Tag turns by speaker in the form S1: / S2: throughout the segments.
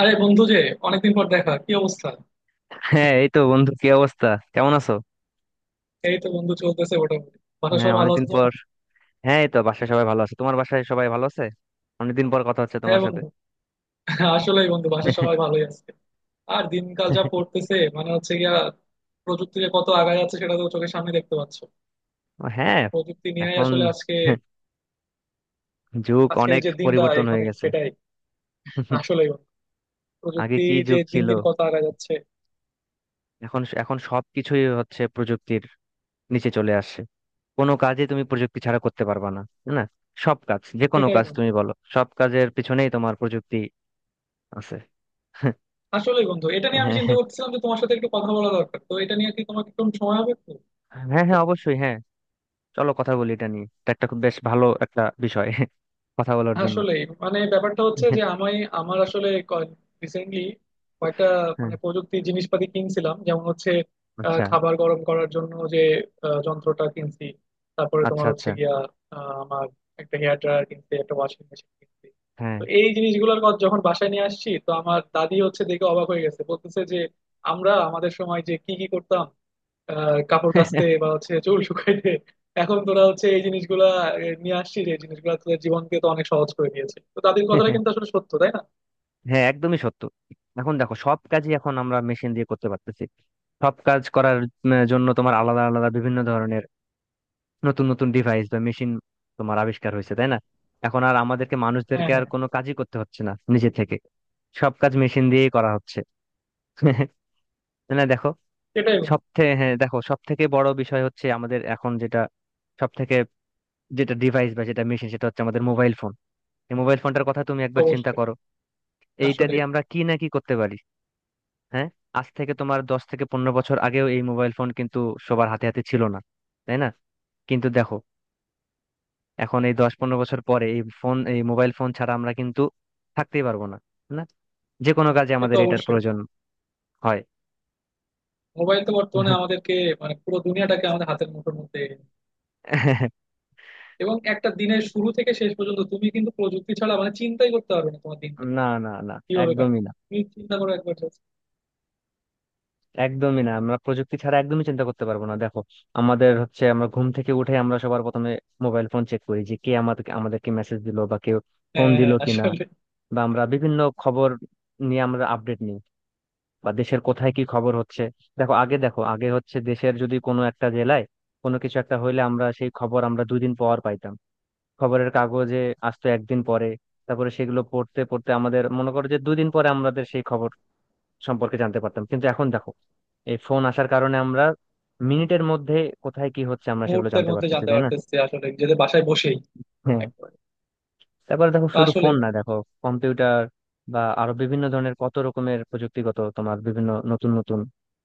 S1: আরে বন্ধু যে অনেকদিন পর দেখা, কি অবস্থা?
S2: হ্যাঁ, এই তো বন্ধু। কি অবস্থা? কেমন আছো?
S1: এই তো বন্ধু, চলতেছে মোটামুটি, বাসার
S2: হ্যাঁ,
S1: সবাই ভালো
S2: অনেকদিন
S1: আছে,
S2: পর।
S1: তোমার?
S2: হ্যাঁ, এই তো বাসায় সবাই ভালো আছে। তোমার বাসায় সবাই ভালো আছে? অনেকদিন পর কথা হচ্ছে
S1: হ্যাঁ
S2: তোমার সাথে।
S1: বন্ধু। আসলেই বন্ধু, বাসার সবাই ভালোই আছে। আর দিনকাল যা পড়তেছে, মানে হচ্ছে গিয়া প্রযুক্তি যে কত আগায় যাচ্ছে সেটা তো চোখের সামনে দেখতে পাচ্ছ।
S2: হ্যাঁ।
S1: প্রযুক্তি নিয়েই
S2: এখন
S1: আসলে আজকে,
S2: যুগ
S1: আজকের
S2: অনেক
S1: যে দিনটা,
S2: পরিবর্তন
S1: এখানে
S2: হয়ে গেছে।
S1: সেটাই। আসলেই বন্ধু,
S2: আগে
S1: প্রযুক্তি
S2: কি
S1: যে
S2: যুগ
S1: দিন
S2: ছিল।
S1: দিন কত আগায় যাচ্ছে।
S2: এখন এখন সবকিছুই হচ্ছে প্রযুক্তির নিচে চলে আসছে। কোনো কাজে তুমি প্রযুক্তি ছাড়া করতে পারবে না, তাই না? সব কাজ, যে কোনো
S1: সেটাই
S2: কাজ
S1: বন্ধু।
S2: তুমি বলো, সব কাজের পিছনেই তোমার প্রযুক্তি আছে।
S1: আসলেই বন্ধু, এটা নিয়ে আমি চিন্তা
S2: হ্যাঁ।
S1: করতেছিলাম যে তোমার সাথে একটু কথা বলা দরকার। তো এটা নিয়ে কি তোমার একটু সময় হবে একটু?
S2: হ্যাঁ হ্যাঁ অবশ্যই, হ্যাঁ। চলো কথা বলি এটা নিয়ে। এটা একটা খুব বেশ ভালো একটা বিষয় কথা বলার জন্য।
S1: আসলে মানে ব্যাপারটা হচ্ছে যে আমি, আমার আসলে রিসেন্টলি কয়েকটা
S2: হ্যাঁ।
S1: মানে প্রযুক্তি জিনিসপাতি কিনছিলাম। যেমন হচ্ছে
S2: আচ্ছা
S1: খাবার গরম করার জন্য যে যন্ত্রটা কিনছি। তারপরে
S2: আচ্ছা
S1: তোমার হচ্ছে
S2: আচ্ছা।
S1: গিয়া আমার একটা হেয়ার ড্রায়ার কিনছি, একটা ওয়াশিং মেশিন কিনছি।
S2: হ্যাঁ।
S1: তো এই জিনিসগুলোর কথা যখন বাসায় নিয়ে আসছি, তো আমার দাদি হচ্ছে দেখে অবাক হয়ে গেছে, বলতেছে যে আমরা আমাদের সময় যে কি কি করতাম, আহ কাপড় কাচতে বা হচ্ছে চুল শুকাইতে। এখন তোরা হচ্ছে এই জিনিসগুলা নিয়ে আসছিস, এই জিনিসগুলা তোদের জীবনকে তো অনেক সহজ করে দিয়েছে। তো তাদের কথাটা কিন্তু আসলে সত্য, তাই না?
S2: হ্যাঁ, একদমই সত্য। এখন দেখো সব কাজই এখন আমরা মেশিন দিয়ে করতে পারতেছি। সব কাজ করার জন্য তোমার আলাদা আলাদা বিভিন্ন ধরনের নতুন নতুন ডিভাইস বা মেশিন তোমার আবিষ্কার হয়েছে, তাই না? এখন আর আমাদেরকে
S1: হ্যাঁ
S2: মানুষদেরকে আর
S1: হ্যাঁ।
S2: কোনো কাজই করতে হচ্ছে না নিজে থেকে। সব কাজ মেশিন দিয়েই করা হচ্ছে। তাই না, দেখো।
S1: সেটাই বন্ধু,
S2: সব থেকে, হ্যাঁ দেখো, সব থেকে বড় বিষয় হচ্ছে আমাদের এখন যেটা সব থেকে যেটা ডিভাইস বা যেটা মেশিন, সেটা হচ্ছে আমাদের মোবাইল ফোন। এই মোবাইল ফোনটার কথা তুমি একবার চিন্তা
S1: অবশ্যই।
S2: করো। এইটা
S1: আসলে
S2: দিয়ে আমরা কি না কি করতে পারি। হ্যাঁ। আজ থেকে তোমার 10 থেকে 15 বছর আগেও এই মোবাইল ফোন কিন্তু সবার হাতে হাতে ছিল না, তাই না? কিন্তু দেখো, এখন এই 10-15 বছর পরে এই ফোন, এই মোবাইল ফোন ছাড়া আমরা কিন্তু থাকতেই পারবো না। না। যে কোনো কাজে
S1: সে তো
S2: আমাদের এটার
S1: অবশ্যই।
S2: প্রয়োজন হয়।
S1: মোবাইল তো বর্তমানে আমাদেরকে, মানে পুরো দুনিয়াটাকে আমাদের হাতের মুঠোর মধ্যে এনে দিয়েছে। এবং একটা দিনের শুরু থেকে শেষ পর্যন্ত তুমি কিন্তু প্রযুক্তি ছাড়া মানে চিন্তাই করতে পারবে না তোমার দিনটা
S2: না না না।
S1: কিভাবে কাটবে।
S2: একদমই না।
S1: তুমি চিন্তা করো একবার just।
S2: একদমই না, আমরা প্রযুক্তি ছাড়া একদমই চিন্তা করতে পারবো না। দেখো, আমাদের হচ্ছে আমরা ঘুম থেকে উঠে আমরা সবার প্রথমে মোবাইল ফোন চেক করি যে কে আমাদেরকে আমাদেরকে মেসেজ দিলো বা কেউ ফোন
S1: হ্যাঁ হ্যাঁ
S2: দিলো
S1: হ্যাঁ,
S2: কিনা,
S1: আসলে
S2: বা আমরা বিভিন্ন খবর নিয়ে আমরা আপডেট নিই, বা দেশের কোথায় কি খবর হচ্ছে। দেখো আগে, দেখো আগে হচ্ছে দেশের যদি কোনো একটা জেলায় কোনো কিছু একটা হইলে আমরা সেই খবর আমরা 2 দিন পর পাইতাম। খবরের কাগজে আসতো একদিন পরে। তারপরে সেগুলো পড়তে পড়তে আমাদের মনে করো যে 2 দিন পরে আমাদের সেই খবর সম্পর্কে জানতে পারতাম। কিন্তু এখন দেখো, এই ফোন আসার কারণে আমরা মিনিটের মধ্যে কোথায় কি হচ্ছে আমরা সেগুলো
S1: মুহূর্তের
S2: জানতে
S1: মধ্যে
S2: পারতেছি,
S1: জানতে
S2: তাই না?
S1: পারতেছি আসলে যেতে বাসায় বসেই
S2: হ্যাঁ।
S1: একবার।
S2: তারপরে দেখো, শুধু
S1: আসলে
S2: ফোন না দেখো, কম্পিউটার বা আরো বিভিন্ন ধরনের কত রকমের প্রযুক্তিগত তোমার বিভিন্ন নতুন নতুন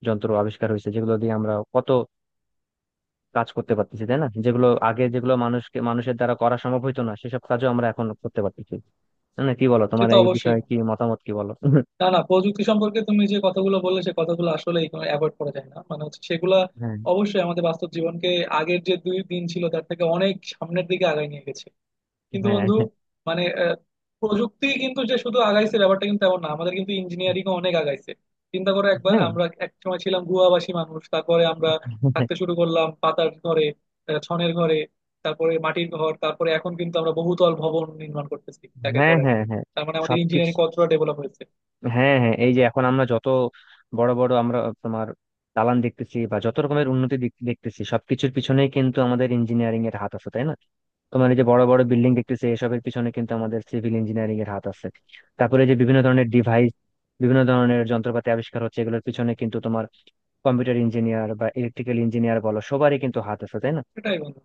S2: যন্ত্র আবিষ্কার হয়েছে, যেগুলো দিয়ে আমরা কত কাজ করতে পারতেছি, তাই না? যেগুলো আগে, যেগুলো মানুষকে মানুষের দ্বারা করা সম্ভব হইতো না, সেসব কাজও আমরা এখন করতে পারতেছি। তাই না? কি বলো,
S1: সে
S2: তোমার
S1: তো
S2: এই
S1: অবশ্যই
S2: বিষয়ে কি
S1: বন্ধু।
S2: মতামত, কি বলো?
S1: না না, প্রযুক্তি সম্পর্কে তুমি যে কথাগুলো বললে সে কথাগুলো আসলে অ্যাভয়েড করা যায় না, মানে হচ্ছে সেগুলা
S2: হ্যাঁ
S1: অবশ্যই আমাদের বাস্তব জীবনকে আগের যে দুই দিন ছিল তার থেকে অনেক সামনের দিকে আগায় নিয়ে গেছে। কিন্তু
S2: হ্যাঁ
S1: বন্ধু মানে প্রযুক্তি কিন্তু যে শুধু আগাইছে ব্যাপারটা কিন্তু এমন না, আমাদের কিন্তু ইঞ্জিনিয়ারিং অনেক আগাইছে। চিন্তা করো একবার,
S2: হ্যাঁ
S1: আমরা এক সময় ছিলাম গুহাবাসী মানুষ, তারপরে আমরা থাকতে শুরু করলাম পাতার ঘরে, ছনের ঘরে, তারপরে মাটির ঘর, তারপরে এখন কিন্তু আমরা বহুতল ভবন নির্মাণ করতেছি একের
S2: হ্যাঁ
S1: পরে।
S2: হ্যাঁ হ্যাঁ।
S1: তার মানে আমাদের
S2: সবকিছু,
S1: ইঞ্জিনিয়ারিং কতটা ডেভেলপ হয়েছে।
S2: হ্যাঁ হ্যাঁ। এই যে এখন আমরা যত বড় বড় আমরা তোমার দালান দেখতেছি বা যত রকমের উন্নতি দেখতেছি, সবকিছুর পিছনেই কিন্তু আমাদের ইঞ্জিনিয়ারিং এর হাত আছে, তাই না? তোমার এই যে বড় বড় বিল্ডিং দেখতেছে, এসবের পিছনে কিন্তু আমাদের সিভিল ইঞ্জিনিয়ারিং এর হাত আছে। তারপরে যে বিভিন্ন ধরনের ডিভাইস, বিভিন্ন ধরনের যন্ত্রপাতি আবিষ্কার হচ্ছে এগুলোর পিছনে কিন্তু তোমার কম্পিউটার ইঞ্জিনিয়ার বা ইলেকট্রিক্যাল ইঞ্জিনিয়ার বলো, সবারই কিন্তু হাত আছে, তাই না?
S1: এটাই বন্ধু।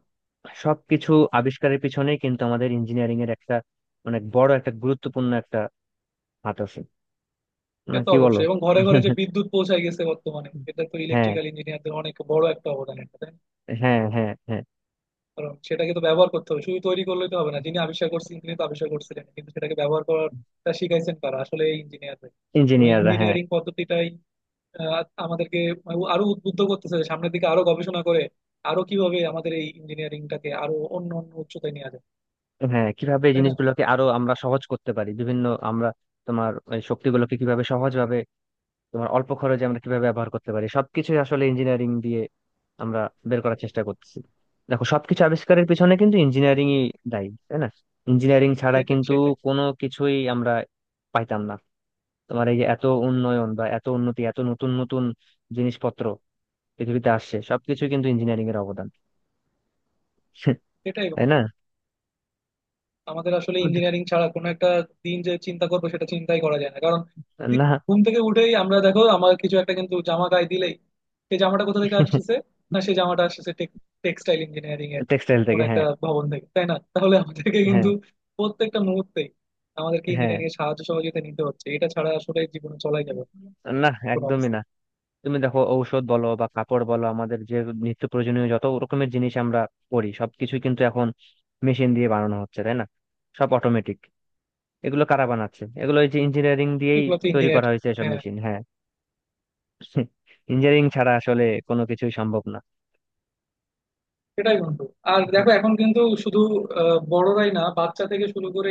S2: সবকিছু আবিষ্কারের পিছনেই কিন্তু আমাদের ইঞ্জিনিয়ারিং এর একটা অনেক বড় একটা গুরুত্বপূর্ণ একটা হাত আছে।
S1: সে
S2: না
S1: তো
S2: কি বলো?
S1: অবশ্যই, এবং ঘরে ঘরে যে বিদ্যুৎ পৌঁছায় গেছে বর্তমানে, এটা তো
S2: হ্যাঁ
S1: ইলেকট্রিক্যাল ইঞ্জিনিয়ারদের অনেক বড় একটা অবদান, এটা তাই না?
S2: হ্যাঁ হ্যাঁ হ্যাঁ।
S1: কারণ সেটাকে তো ব্যবহার করতে হবে, শুধু তৈরি করলেই তো হবে না। যিনি আবিষ্কার করছেন তিনি তো আবিষ্কার করছিলেন, কিন্তু সেটাকে ব্যবহার করাটা শিখাইছেন কারা, আসলে এই ইঞ্জিনিয়ারদের ওই
S2: ইঞ্জিনিয়াররা, হ্যাঁ।
S1: ইঞ্জিনিয়ারিং পদ্ধতিটাই আমাদেরকে আরো উদ্বুদ্ধ করতেছে যে সামনের দিকে আরো গবেষণা করে আরো কিভাবে আমাদের এই ইঞ্জিনিয়ারিংটাকে আরো অন্য অন্য উচ্চতায় নিয়ে যায়,
S2: হ্যাঁ, কিভাবে এই
S1: তাই না?
S2: জিনিসগুলোকে আরো আমরা সহজ করতে পারি বিভিন্ন আমরা তোমার এই শক্তিগুলোকে কিভাবে সহজভাবে তোমার অল্প খরচে আমরা কিভাবে ব্যবহার করতে পারি, সবকিছু আসলে ইঞ্জিনিয়ারিং দিয়ে আমরা বের করার চেষ্টা করতেছি। দেখো সবকিছু আবিষ্কারের পিছনে কিন্তু ইঞ্জিনিয়ারিংই দায়ী, তাই না? ইঞ্জিনিয়ারিং ছাড়া
S1: সেটাই
S2: কিন্তু
S1: সেটাই
S2: কোনো কিছুই আমরা পাইতাম না। তোমার এই যে এত উন্নয়ন বা এত উন্নতি, এত নতুন নতুন জিনিসপত্র পৃথিবীতে আসছে সবকিছু কিন্তু ইঞ্জিনিয়ারিং এর অবদান,
S1: সেটাই
S2: তাই
S1: বন্ধু,
S2: না?
S1: আমাদের আসলে ইঞ্জিনিয়ারিং ছাড়া কোনো একটা দিন যে চিন্তা করবো সেটা চিন্তাই করা যায় না। কারণ দি-
S2: না।
S1: ঘুম থেকে উঠেই আমরা দেখো, আমার কিছু একটা কিন্তু জামা গায়ে দিলেই সেই জামাটা কোথা থেকে আসতেছে, না সেই জামাটা আসতেছে টেক্সটাইল ইঞ্জিনিয়ারিং এর
S2: টেক্সটাইল
S1: কোন
S2: থেকে,
S1: একটা
S2: হ্যাঁ।
S1: ভবন থেকে, তাই না? তাহলে আমাদেরকে
S2: হ্যাঁ
S1: কিন্তু প্রত্যেকটা মুহূর্তেই আমাদেরকে
S2: হ্যাঁ।
S1: ইঞ্জিনিয়ারিং এর সাহায্য সহযোগিতা নিতে হচ্ছে, এটা ছাড়া আসলে জীবনে চলাই যাবে না
S2: না,
S1: কোনো
S2: একদমই
S1: অবস্থা।
S2: না। তুমি দেখো, ঔষধ বলো বা কাপড় বলো, আমাদের যে নিত্য প্রয়োজনীয় যত রকমের জিনিস আমরা করি সবকিছু কিন্তু এখন মেশিন দিয়ে বানানো হচ্ছে, তাই না? সব অটোমেটিক। এগুলো কারা বানাচ্ছে এগুলো, এই যে ইঞ্জিনিয়ারিং দিয়েই
S1: এগুলো তো
S2: তৈরি
S1: ইঞ্জিনিয়ার।
S2: করা হয়েছে এসব মেশিন, হ্যাঁ। ইঞ্জিনিয়ারিং ছাড়া আসলে কোনো কিছুই সম্ভব না।
S1: সেটাই বন্ধু, আর দেখো এখন কিন্তু শুধু বড়রাই না, বাচ্চা থেকে শুরু করে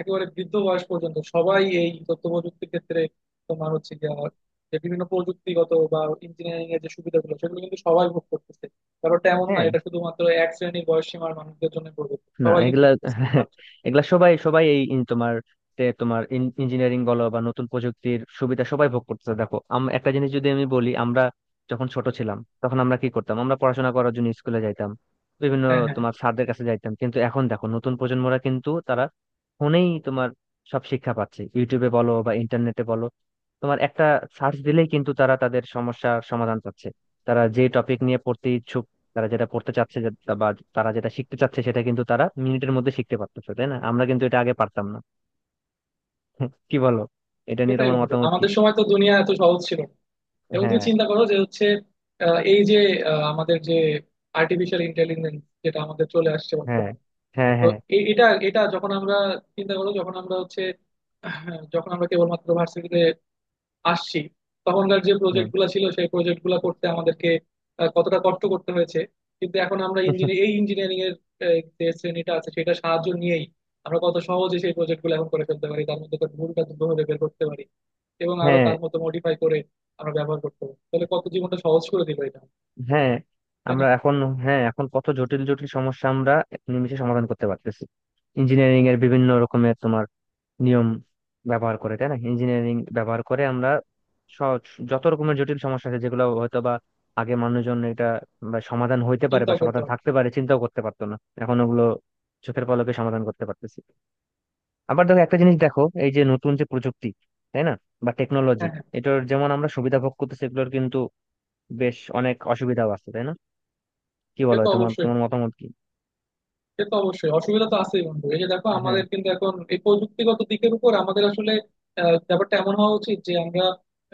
S1: একেবারে বৃদ্ধ বয়স পর্যন্ত সবাই এই তথ্য প্রযুক্তির ক্ষেত্রে তোমার হচ্ছে গিয়ে আমার যে বিভিন্ন প্রযুক্তিগত বা ইঞ্জিনিয়ারিং এর যে সুবিধাগুলো সেগুলো কিন্তু সবাই ভোগ করতেছে। ব্যাপারটা এমন না
S2: হ্যাঁ।
S1: এটা শুধুমাত্র এক শ্রেণীর বয়স সীমার মানুষদের জন্য প্রযোজ্য,
S2: না
S1: সবাই কিন্তু
S2: এগুলা
S1: নিতেছে এই সাহায্য।
S2: এগুলা সবাই সবাই এই ইন তোমার তে তোমার ইঞ্জিনিয়ারিং বলো বা নতুন প্রযুক্তির সুবিধা সবাই ভোগ করতেছে। দেখো, একটা জিনিস যদি আমি বলি, আমরা যখন ছোট ছিলাম তখন আমরা কি করতাম, আমরা পড়াশোনা করার জন্য স্কুলে যাইতাম বিভিন্ন
S1: হ্যাঁ হ্যাঁ।
S2: তোমার স্যারদের কাছে যাইতাম। কিন্তু এখন দেখো, নতুন প্রজন্মরা কিন্তু তারা ফোনেই তোমার সব শিক্ষা পাচ্ছে, ইউটিউবে বলো বা ইন্টারনেটে বলো, তোমার একটা সার্চ দিলেই কিন্তু তারা তাদের সমস্যার সমাধান পাচ্ছে। তারা যে টপিক নিয়ে পড়তে ইচ্ছুক, তারা যেটা পড়তে চাচ্ছে বা তারা যেটা শিখতে চাচ্ছে সেটা কিন্তু তারা মিনিটের মধ্যে শিখতে পারতেছে, তাই না? আমরা কিন্তু এটা আগে পারতাম না। কি বলো, এটা নিয়ে
S1: সেটাই
S2: তোমার
S1: বন্ধু,
S2: মতামত কি?
S1: আমাদের সময় তো দুনিয়া এত সহজ ছিল না। এবং তুমি
S2: হ্যাঁ
S1: চিন্তা করো যে হচ্ছে এই যে আমাদের যে আর্টিফিশিয়াল ইন্টেলিজেন্স যেটা আমাদের চলে আসছে
S2: হ্যাঁ
S1: বর্তমানে।
S2: হ্যাঁ
S1: তো
S2: হ্যাঁ
S1: এ- এটা এটা যখন আমরা চিন্তা করো, যখন আমরা হচ্ছে আহ, যখন আমরা কেবলমাত্র ভার্সিটিতে আসছি, তখনকার যে
S2: হ্যাঁ।
S1: প্রজেক্ট গুলা ছিল সেই প্রজেক্ট গুলা করতে আমাদেরকে কতটা কষ্ট করতে হয়েছে। কিন্তু এখন আমরা ইঞ্জিনিয়ার এই ইঞ্জিনিয়ারিং এর যে শ্রেণীটা আছে সেটা সাহায্য নিয়েই আমরা কত সহজে সেই প্রজেক্ট গুলো এখন করে ফেলতে পারি, তার মধ্যে তার ভুলটা দ্রুতভাবে বের করতে পারি এবং আরো
S2: হ্যাঁ
S1: তার মতো মডিফাই করে আমরা ব্যবহার করতে পারি। তাহলে কত জীবনটা সহজ করে দিল এটা,
S2: হ্যাঁ।
S1: তাই না?
S2: আমরা এখন, হ্যাঁ, এখন কত জটিল জটিল সমস্যা আমরা নিমেষে সমাধান করতে পারতেছি ইঞ্জিনিয়ারিং এর বিভিন্ন রকমের তোমার নিয়ম ব্যবহার করে, তাই না? ইঞ্জিনিয়ারিং ব্যবহার করে আমরা সহজ যত রকমের জটিল সমস্যা আছে যেগুলো হয়তো বা আগে মানুষজন এটা বা সমাধান হইতে পারে
S1: চিন্তা
S2: বা
S1: করতে
S2: সমাধান
S1: হবে।
S2: থাকতে পারে চিন্তাও করতে পারতো না, এখন ওগুলো চোখের পলকে সমাধান করতে পারতেছি। আবার দেখো একটা জিনিস দেখো, এই যে নতুন যে প্রযুক্তি, তাই না, বা টেকনোলজি,
S1: হ্যাঁ হ্যাঁ।
S2: এটার যেমন আমরা সুবিধা ভোগ করতেছি এগুলোর কিন্তু বেশ অনেক অসুবিধাও আছে, তাই না? কি
S1: সে
S2: বলো,
S1: তো
S2: তোমার
S1: অবশ্যই,
S2: তোমার মতামত কি?
S1: সে তো অবশ্যই, অসুবিধা তো আছেই বন্ধু। এই যে দেখো
S2: হ্যাঁ
S1: আমাদের কিন্তু এখন এই প্রযুক্তিগত দিকের উপর আমাদের আসলে ব্যাপারটা এমন হওয়া উচিত যে আমরা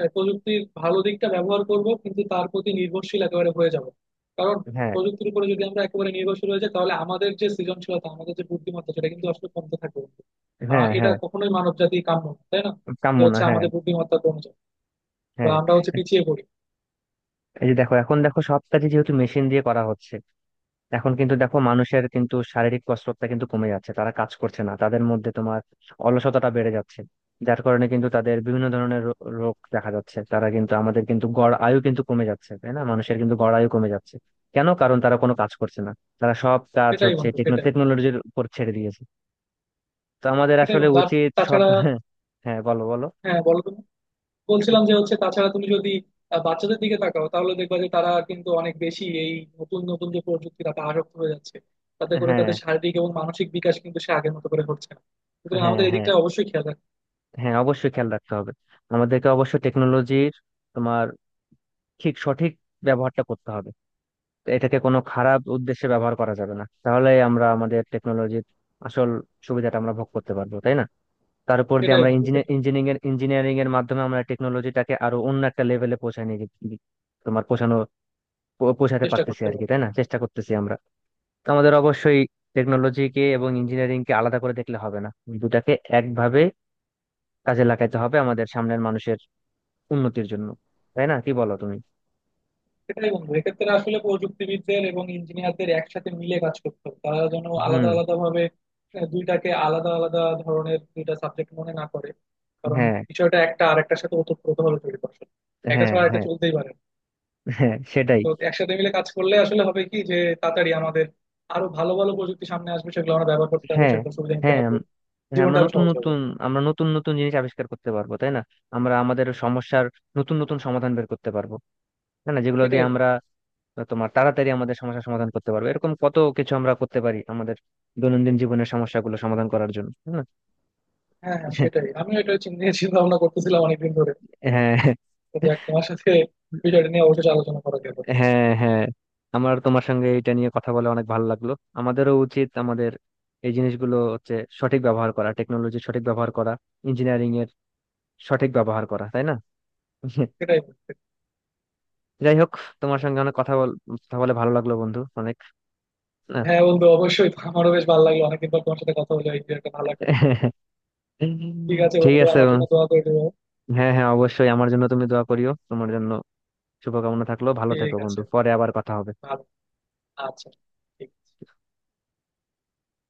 S1: প্রযুক্তির ভালো দিকটা ব্যবহার করব, কিন্তু তার প্রতি নির্ভরশীল একেবারে হয়ে যাব। কারণ
S2: হ্যাঁ
S1: প্রযুক্তির উপরে যদি আমরা একেবারে নির্ভরশীল হয়ে যাই তাহলে আমাদের যে সৃজনশীলতা আমাদের যে বুদ্ধিমত্তা সেটা কিন্তু আসলে কমতে থাকবে বন্ধু। আহ
S2: হ্যাঁ
S1: এটা
S2: হ্যাঁ।
S1: কখনোই মানব জাতি কাম্য না, তাই না?
S2: কাম্য
S1: যে
S2: না,
S1: হচ্ছে
S2: হ্যাঁ।
S1: আমাদের বুদ্ধিমত্তা কমে যায় বা
S2: হ্যাঁ,
S1: আমরা হচ্ছে পিছিয়ে পড়ি।
S2: এই যে দেখো, এখন দেখো সব কাজে যেহেতু মেশিন দিয়ে করা হচ্ছে, এখন কিন্তু দেখো মানুষের কিন্তু শারীরিক কসরতটা কিন্তু কমে যাচ্ছে, তারা কাজ করছে না, তাদের মধ্যে তোমার অলসতাটা বেড়ে যাচ্ছে। যার কারণে কিন্তু তাদের বিভিন্ন ধরনের রোগ দেখা যাচ্ছে, তারা কিন্তু আমাদের কিন্তু গড় আয়ু কিন্তু কমে যাচ্ছে, তাই না? মানুষের কিন্তু গড় আয়ু কমে যাচ্ছে। কেন? কারণ তারা কোনো কাজ করছে না। তারা সব কাজ
S1: সেটাই
S2: হচ্ছে
S1: বন্ধু সেটাই
S2: টেকনোলজির উপর ছেড়ে দিয়েছে। তো আমাদের
S1: সেটাই
S2: আসলে
S1: বন্ধু আর
S2: উচিত সব
S1: তাছাড়া,
S2: হ্যাঁ বলো বলো।
S1: হ্যাঁ বলো তুমি। বলছিলাম যে হচ্ছে, তাছাড়া তুমি যদি বাচ্চাদের দিকে তাকাও তাহলে দেখবা যে তারা কিন্তু অনেক বেশি এই নতুন নতুন যে প্রযুক্তি তাতে আসক্ত হয়ে যাচ্ছে। তাতে করে
S2: হ্যাঁ
S1: তাদের শারীরিক এবং মানসিক বিকাশ কিন্তু সে আগের মতো করে হচ্ছে না। সুতরাং
S2: হ্যাঁ।
S1: আমাদের
S2: হ্যাঁ,
S1: এদিকটা অবশ্যই খেয়াল রাখতে হবে।
S2: হ্যাঁ অবশ্যই খেয়াল রাখতে হবে। আমাদেরকে অবশ্যই টেকনোলজির তোমার ঠিক সঠিক ব্যবহারটা করতে হবে। এটাকে কোনো খারাপ উদ্দেশ্যে ব্যবহার করা যাবে না, তাহলে আমরা আমাদের টেকনোলজির আসল সুবিধাটা আমরা ভোগ করতে পারবো, তাই না? তার উপর দিয়ে
S1: সেটাই
S2: আমরা
S1: বন্ধু সেটাই
S2: ইঞ্জিনিয়ারিং এর মাধ্যমে আমরা টেকনোলজিটাকে আরো অন্য একটা লেভেলে পৌঁছায় নিয়ে গেছি- তোমার পৌঁছানো পৌঁছাতে
S1: চেষ্টা
S2: পারতেছি
S1: করতে
S2: আর কি,
S1: পারি।
S2: তাই না? চেষ্টা করতেছি আমরা। তো আমাদের অবশ্যই টেকনোলজিকে এবং ইঞ্জিনিয়ারিং কে আলাদা করে দেখলে হবে না, দুটাকে একভাবে কাজে লাগাতে হবে আমাদের সামনের মানুষের উন্নতির জন্য, তাই না? কি বলো তুমি?
S1: সেটাই বন্ধু, এক্ষেত্রে আসলে প্রযুক্তিবিদদের এবং ইঞ্জিনিয়ারদের একসাথে মিলে কাজ করতে হবে। তারা যেন আলাদা
S2: হুম।
S1: আলাদা ভাবে দুইটাকে আলাদা আলাদা ধরনের দুইটা সাবজেক্ট মনে না করে, কারণ
S2: হ্যাঁ
S1: বিষয়টা একটা আরেকটার সাথে ওতপ্রোতভাবে জড়িত আসলে, একটা
S2: হ্যাঁ
S1: ছাড়া একটা
S2: হ্যাঁ
S1: চলতেই পারে না।
S2: হ্যাঁ সেটাই।
S1: তো একসাথে মিলে কাজ করলে আসলে হবে কি যে তাড়াতাড়ি আমাদের আরো ভালো ভালো প্রযুক্তি সামনে আসবে, সেগুলো আমরা ব্যবহার করতে পারবো,
S2: হ্যাঁ
S1: সেগুলো সুবিধা নিতে
S2: হ্যাঁ
S1: পারবো,
S2: হ্যাঁ আমরা
S1: জীবনটা আরো
S2: নতুন
S1: সহজ হবে।
S2: নতুন আমরা নতুন নতুন জিনিস আবিষ্কার করতে পারবো, তাই না? আমরা আমাদের সমস্যার নতুন নতুন সমাধান বের করতে পারবো, তাই না? যেগুলো
S1: সেটাই
S2: দিয়ে
S1: বলি।
S2: আমরা তোমার তাড়াতাড়ি আমাদের সমস্যার সমাধান করতে পারবো, এরকম কত কিছু আমরা করতে পারি আমাদের দৈনন্দিন জীবনের সমস্যাগুলো সমাধান করার জন্য, তাই না?
S1: হ্যাঁ হ্যাঁ, সেটাই, আমিও এটা চিন্তা চিন্তা ভাবনা করতেছিলাম অনেকদিন ধরে।
S2: হ্যাঁ
S1: তো যাক, তোমার সাথে বিষয়টা নিয়ে অবশ্যই আলোচনা করা গেল, যাক,
S2: হ্যাঁ হ্যাঁ। আমার তোমার সঙ্গে এটা নিয়ে কথা বলে অনেক ভালো লাগলো। আমাদেরও উচিত আমাদের এই জিনিসগুলো হচ্ছে সঠিক ব্যবহার করা, টেকনোলজি সঠিক ব্যবহার করা, ইঞ্জিনিয়ারিং এর সঠিক ব্যবহার করা, তাই না?
S1: সেটাই বলতে।
S2: যাই হোক, তোমার সঙ্গে অনেক কথা কথা বলে ভালো লাগলো বন্ধু। অনেক আহ,
S1: হ্যাঁ বন্ধু, অবশ্যই আমারও বেশ ভালো লাগলো, অনেকদিন পর তোমার সাথে কথা হলো, এই যে একটা ভালো একটা বিষয়। ঠিক আছে
S2: ঠিক
S1: বন্ধু,
S2: আছে।
S1: আমার জন্য দোয়া করে দেবো।
S2: হ্যাঁ হ্যাঁ অবশ্যই, আমার জন্য তুমি দোয়া করিও। তোমার জন্য শুভকামনা থাকলো। ভালো থেকো
S1: ঠিক আছে,
S2: বন্ধু, পরে আবার কথা হবে।
S1: ভালো, আচ্ছা ঠিক আছে।